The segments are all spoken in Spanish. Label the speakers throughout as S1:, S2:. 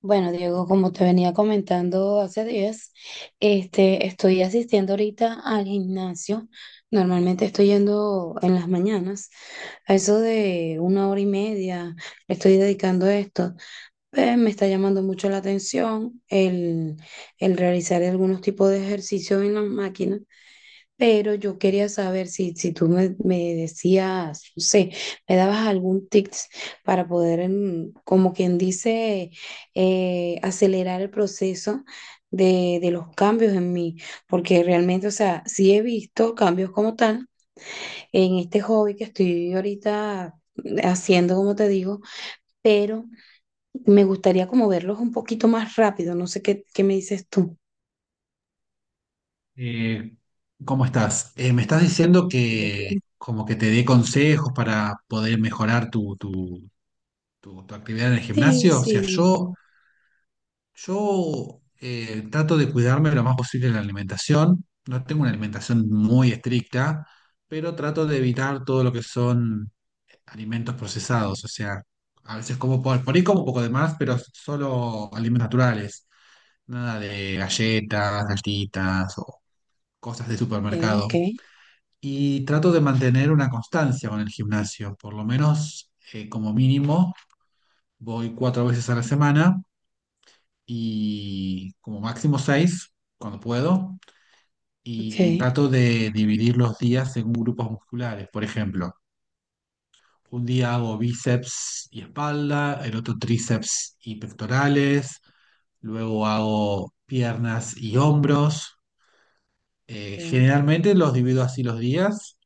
S1: Bueno, Diego, como te venía comentando hace días, estoy asistiendo ahorita al gimnasio. Normalmente estoy yendo en las mañanas, a eso de una hora y media, estoy dedicando a esto. Me está llamando mucho la atención el realizar algunos tipos de ejercicios en las máquinas. Pero yo quería saber si tú me decías, no sé, me dabas algún tips para poder, como quien dice, acelerar el proceso de los cambios en mí, porque realmente, o sea, sí he visto cambios como tal en este hobby que estoy ahorita haciendo, como te digo, pero me gustaría como verlos un poquito más rápido, no sé qué, qué me dices tú.
S2: Eh, ¿Cómo estás? Me estás diciendo
S1: Bien,
S2: que
S1: bien.
S2: como que te dé consejos para poder mejorar tu actividad en el
S1: Sí,
S2: gimnasio. O sea,
S1: sí,
S2: yo trato de cuidarme lo más posible en la alimentación. No tengo una alimentación muy estricta, pero trato de evitar todo lo que son alimentos procesados. O sea, a veces como por ahí como un poco de más, pero solo alimentos naturales. Nada de galletas, galletitas o cosas de supermercado.
S1: ok,
S2: Y trato de mantener una constancia con el gimnasio, por lo menos como mínimo voy cuatro veces a la semana y como máximo seis cuando puedo.
S1: ok,
S2: Y trato de dividir los días según grupos musculares. Por ejemplo, un día hago bíceps y espalda, el otro tríceps y pectorales, luego hago piernas y hombros.
S1: ok.
S2: Generalmente los divido así los días,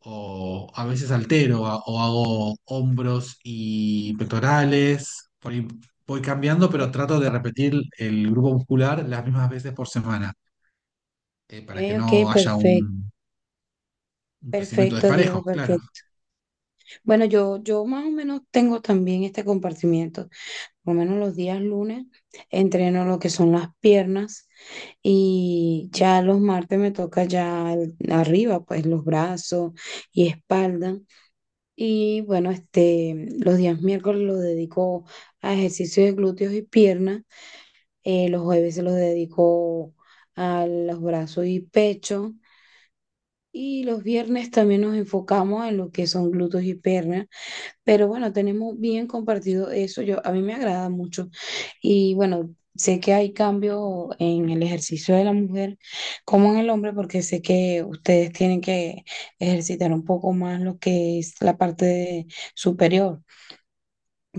S2: o a veces altero, o hago hombros y pectorales. Por ahí voy cambiando, pero trato de repetir el grupo muscular las mismas veces por semana,
S1: Ok,
S2: para que
S1: ok,
S2: no haya
S1: perfecto,
S2: un crecimiento
S1: perfecto,
S2: desparejo,
S1: Diego,
S2: claro.
S1: perfecto. Bueno, yo más o menos tengo también este compartimiento, por lo menos los días lunes entreno lo que son las piernas y ya los martes me toca ya el- arriba, pues los brazos y espalda. Y bueno, los días miércoles los dedico a ejercicios de glúteos y piernas, los jueves se los dedico a los brazos y pecho. Y los viernes también nos enfocamos en lo que son glúteos y piernas, pero bueno, tenemos bien compartido eso. Yo, a mí me agrada mucho. Y bueno, sé que hay cambio en el ejercicio de la mujer como en el hombre, porque sé que ustedes tienen que ejercitar un poco más lo que es la parte de- superior.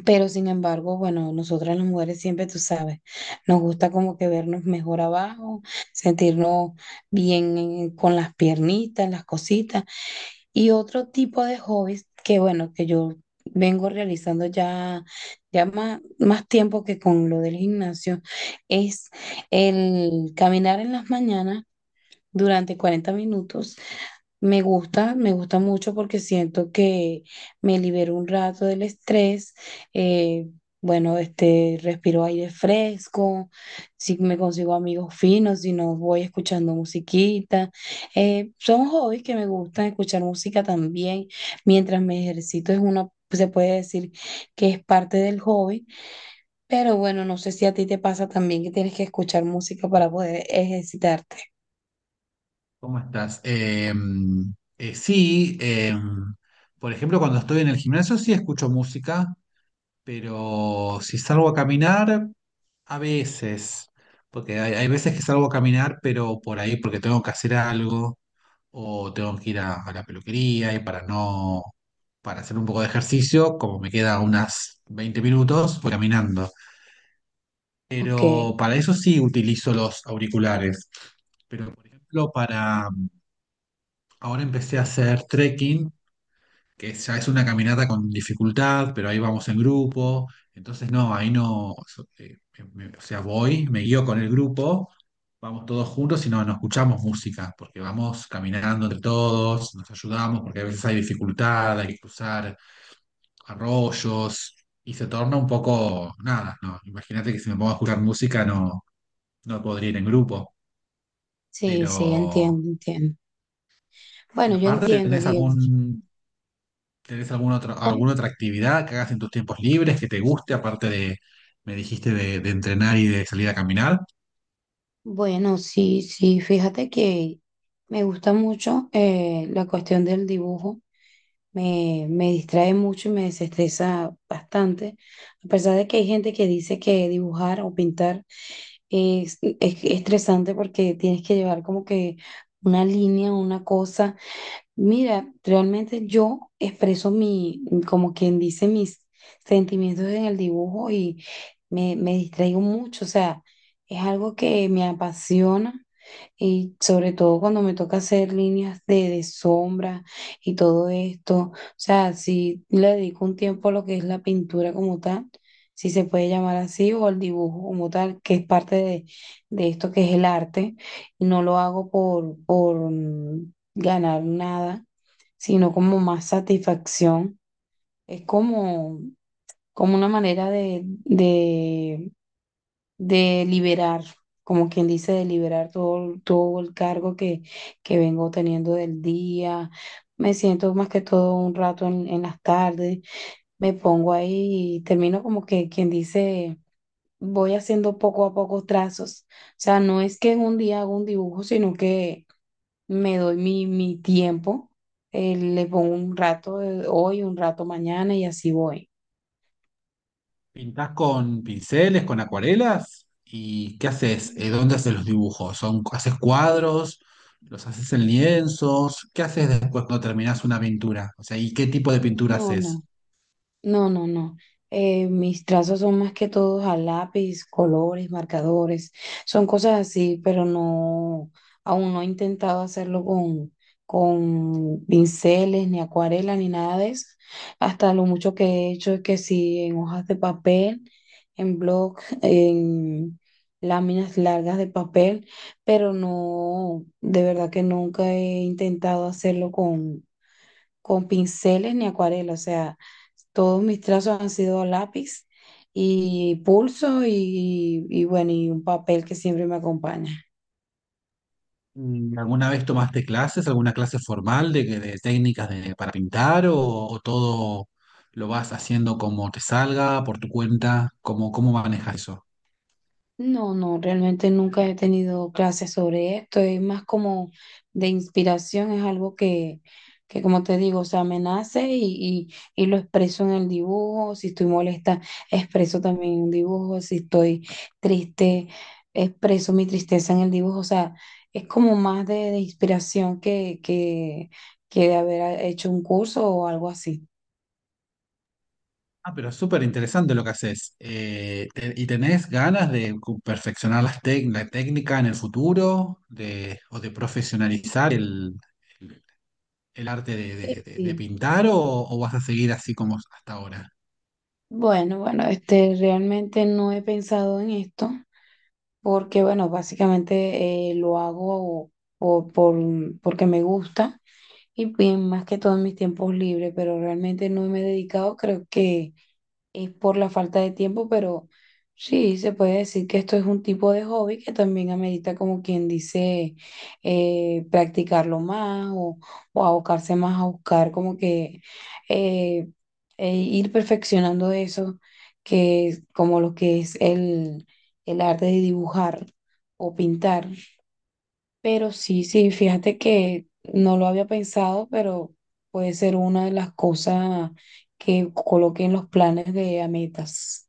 S1: Pero sin embargo, bueno, nosotras las mujeres siempre, tú sabes, nos gusta como que vernos mejor abajo, sentirnos bien en- con las piernitas, las cositas. Y otro tipo de hobbies que, bueno, que yo vengo realizando ya, ya más tiempo que con lo del gimnasio, es el caminar en las mañanas durante 40 minutos me gusta mucho porque siento que me libero un rato del estrés. eh, bueno, respiro aire fresco, si me consigo amigos finos, si no voy escuchando musiquita. Son hobbies que me gustan escuchar música también. Mientras me ejercito es una, se puede decir que es parte del hobby, pero bueno, no sé si a ti te pasa también que tienes que escuchar música para poder ejercitarte.
S2: ¿Cómo estás? Sí. Por ejemplo, cuando estoy en el gimnasio sí escucho música, pero si salgo a caminar, a veces, porque hay veces que salgo a caminar, pero por ahí porque tengo que hacer algo o tengo que ir a la peluquería y para no, para hacer un poco de ejercicio, como me queda unas 20 minutos, voy caminando.
S1: Ok,
S2: Pero para eso sí utilizo los auriculares. Pero por ejemplo, para ahora empecé a hacer trekking, que ya es una caminata con dificultad, pero ahí vamos en grupo. Entonces no, ahí no, o sea, voy, me guío con el grupo, vamos todos juntos y no escuchamos música, porque vamos caminando entre todos, nos ayudamos, porque a veces hay dificultad, hay que cruzar arroyos y se torna un poco, nada, no, imagínate que si me pongo a escuchar música no podría ir en grupo,
S1: sí, sí,
S2: pero...
S1: entiendo, entiendo.
S2: Y
S1: Bueno, yo
S2: aparte,
S1: entiendo, Diego.
S2: ¿tenés alguna otra,
S1: ¿Cómo?
S2: alguna otra actividad que hagas en tus tiempos libres que te guste, aparte de, me dijiste, de entrenar y de salir a caminar?
S1: Bueno, sí, sí, fíjate que me gusta mucho la cuestión del dibujo, me distrae mucho y me desestresa bastante, a pesar de que hay gente que dice que dibujar o pintar es estresante porque tienes que llevar como que una línea, una cosa. Mira, realmente yo expreso mi, como quien dice, mis sentimientos en el dibujo y me distraigo mucho, o sea, es algo que me apasiona y sobre todo cuando me toca hacer líneas de sombra y todo esto, o sea, si le dedico un tiempo a lo que es la pintura como tal, si se puede llamar así, o el dibujo como tal, que es parte de esto que es el arte, y no lo hago ganar nada, sino como más satisfacción. Es como, como una manera de liberar, como quien dice, de liberar todo, todo el cargo que vengo teniendo del día. Me siento más que todo un rato en las tardes, me pongo ahí y termino como que quien dice, voy haciendo poco a poco trazos. O sea, no es que en un día hago un dibujo, sino que me doy mi tiempo, le pongo un rato de hoy, un rato mañana y así voy.
S2: ¿Pintás con pinceles, con acuarelas? ¿Y qué haces?
S1: Mm,
S2: ¿Dónde haces los dibujos? ¿Son, haces cuadros? ¿Los haces en lienzos? ¿Qué haces después cuando terminás una pintura? O sea, ¿y qué tipo de pintura
S1: no, no.
S2: haces?
S1: No, no, no. Mis trazos son más que todos a lápiz, colores, marcadores, son cosas así, pero no, aún no he intentado hacerlo con pinceles, ni acuarela, ni nada de eso. Hasta lo mucho que he hecho es que sí, en hojas de papel, en bloc, en láminas largas de papel, pero no, de verdad que nunca he intentado hacerlo con pinceles ni acuarela, o sea, todos mis trazos han sido a lápiz y pulso y bueno, y un papel que siempre me acompaña.
S2: Mm. ¿Alguna vez tomaste clases, alguna clase formal de técnicas para pintar o todo lo vas haciendo como te salga, por tu cuenta? ¿Cómo manejas eso?
S1: No, no, realmente nunca he tenido clases sobre esto, es más como de inspiración, es algo que como te digo, o sea, me nace y lo expreso en el dibujo, si estoy molesta, expreso también en un dibujo, si estoy triste, expreso mi tristeza en el dibujo, o sea, es como más de inspiración que de haber hecho un curso o algo así.
S2: Ah, pero súper interesante lo que haces. ¿Y tenés ganas de perfeccionar la técnica en el futuro de, o de profesionalizar el arte de,
S1: Sí,
S2: de- de- de
S1: sí.
S2: pintar o vas a seguir así como hasta ahora?
S1: Bueno, bueno, realmente no he pensado en esto. Porque bueno, básicamente lo hago o por, porque me gusta y bien, más que todo en mis tiempos libres, pero realmente no me he dedicado, creo que es por la falta de tiempo, pero sí, se puede decir que esto es un tipo de hobby que también amerita, como quien dice, practicarlo más o abocarse más a buscar, como que eh, e ir perfeccionando eso, que es como lo que es el arte de dibujar o pintar. Pero sí, sí, fíjate que no lo había pensado, pero puede ser una de las cosas que coloque en los planes de a metas.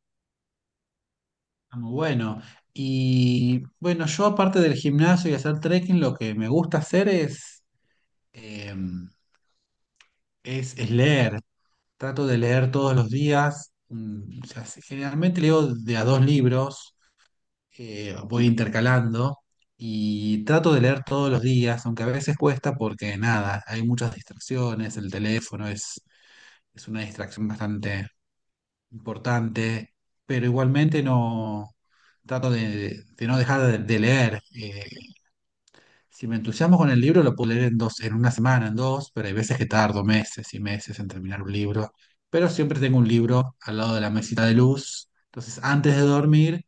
S2: Ah, muy bueno. Y bueno, yo aparte del gimnasio y hacer trekking, lo que me gusta hacer eh, es leer. Trato de leer todos los días. O sea, generalmente leo de a dos libros, voy intercalando y trato de leer todos los días, aunque a veces cuesta porque nada, hay muchas distracciones, el teléfono es una distracción bastante importante, pero igualmente no trato de no dejar de leer. Si me entusiasmo con el libro, lo puedo leer en dos, en una semana, en dos, pero hay veces que tardo meses y meses en terminar un libro. Pero siempre tengo un libro al lado de la mesita de luz. Entonces, antes de dormir,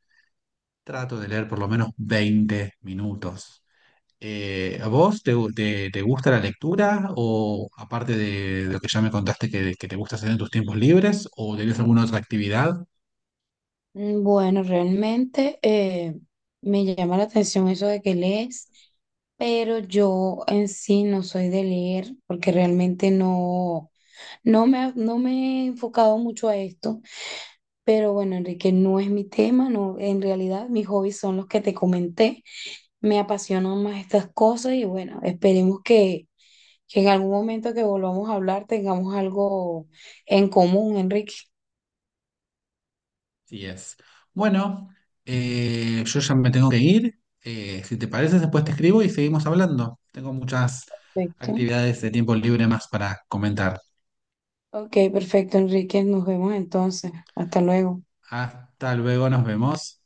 S2: trato de leer por lo menos 20 minutos. ¿A vos te gusta la lectura o aparte de lo que ya me contaste que te gusta hacer en tus tiempos libres o tenés alguna otra actividad?
S1: Mm, bueno, realmente me llama la atención eso de que lees, pero yo en sí no soy de leer porque realmente no, no me, ha- no me he enfocado mucho a esto. Pero bueno, Enrique, no es mi tema, no, en realidad mis hobbies son los que te comenté. Me apasionan más estas cosas y bueno, esperemos que en algún momento que volvamos a hablar tengamos algo en común, Enrique.
S2: Sí es. Bueno, yo ya me tengo que ir. Si te parece, después te escribo y seguimos hablando. Tengo muchas
S1: Perfecto.
S2: actividades de tiempo libre más para comentar.
S1: Ok, perfecto, Enrique. Nos vemos entonces. Hasta luego.
S2: Hasta luego, nos vemos.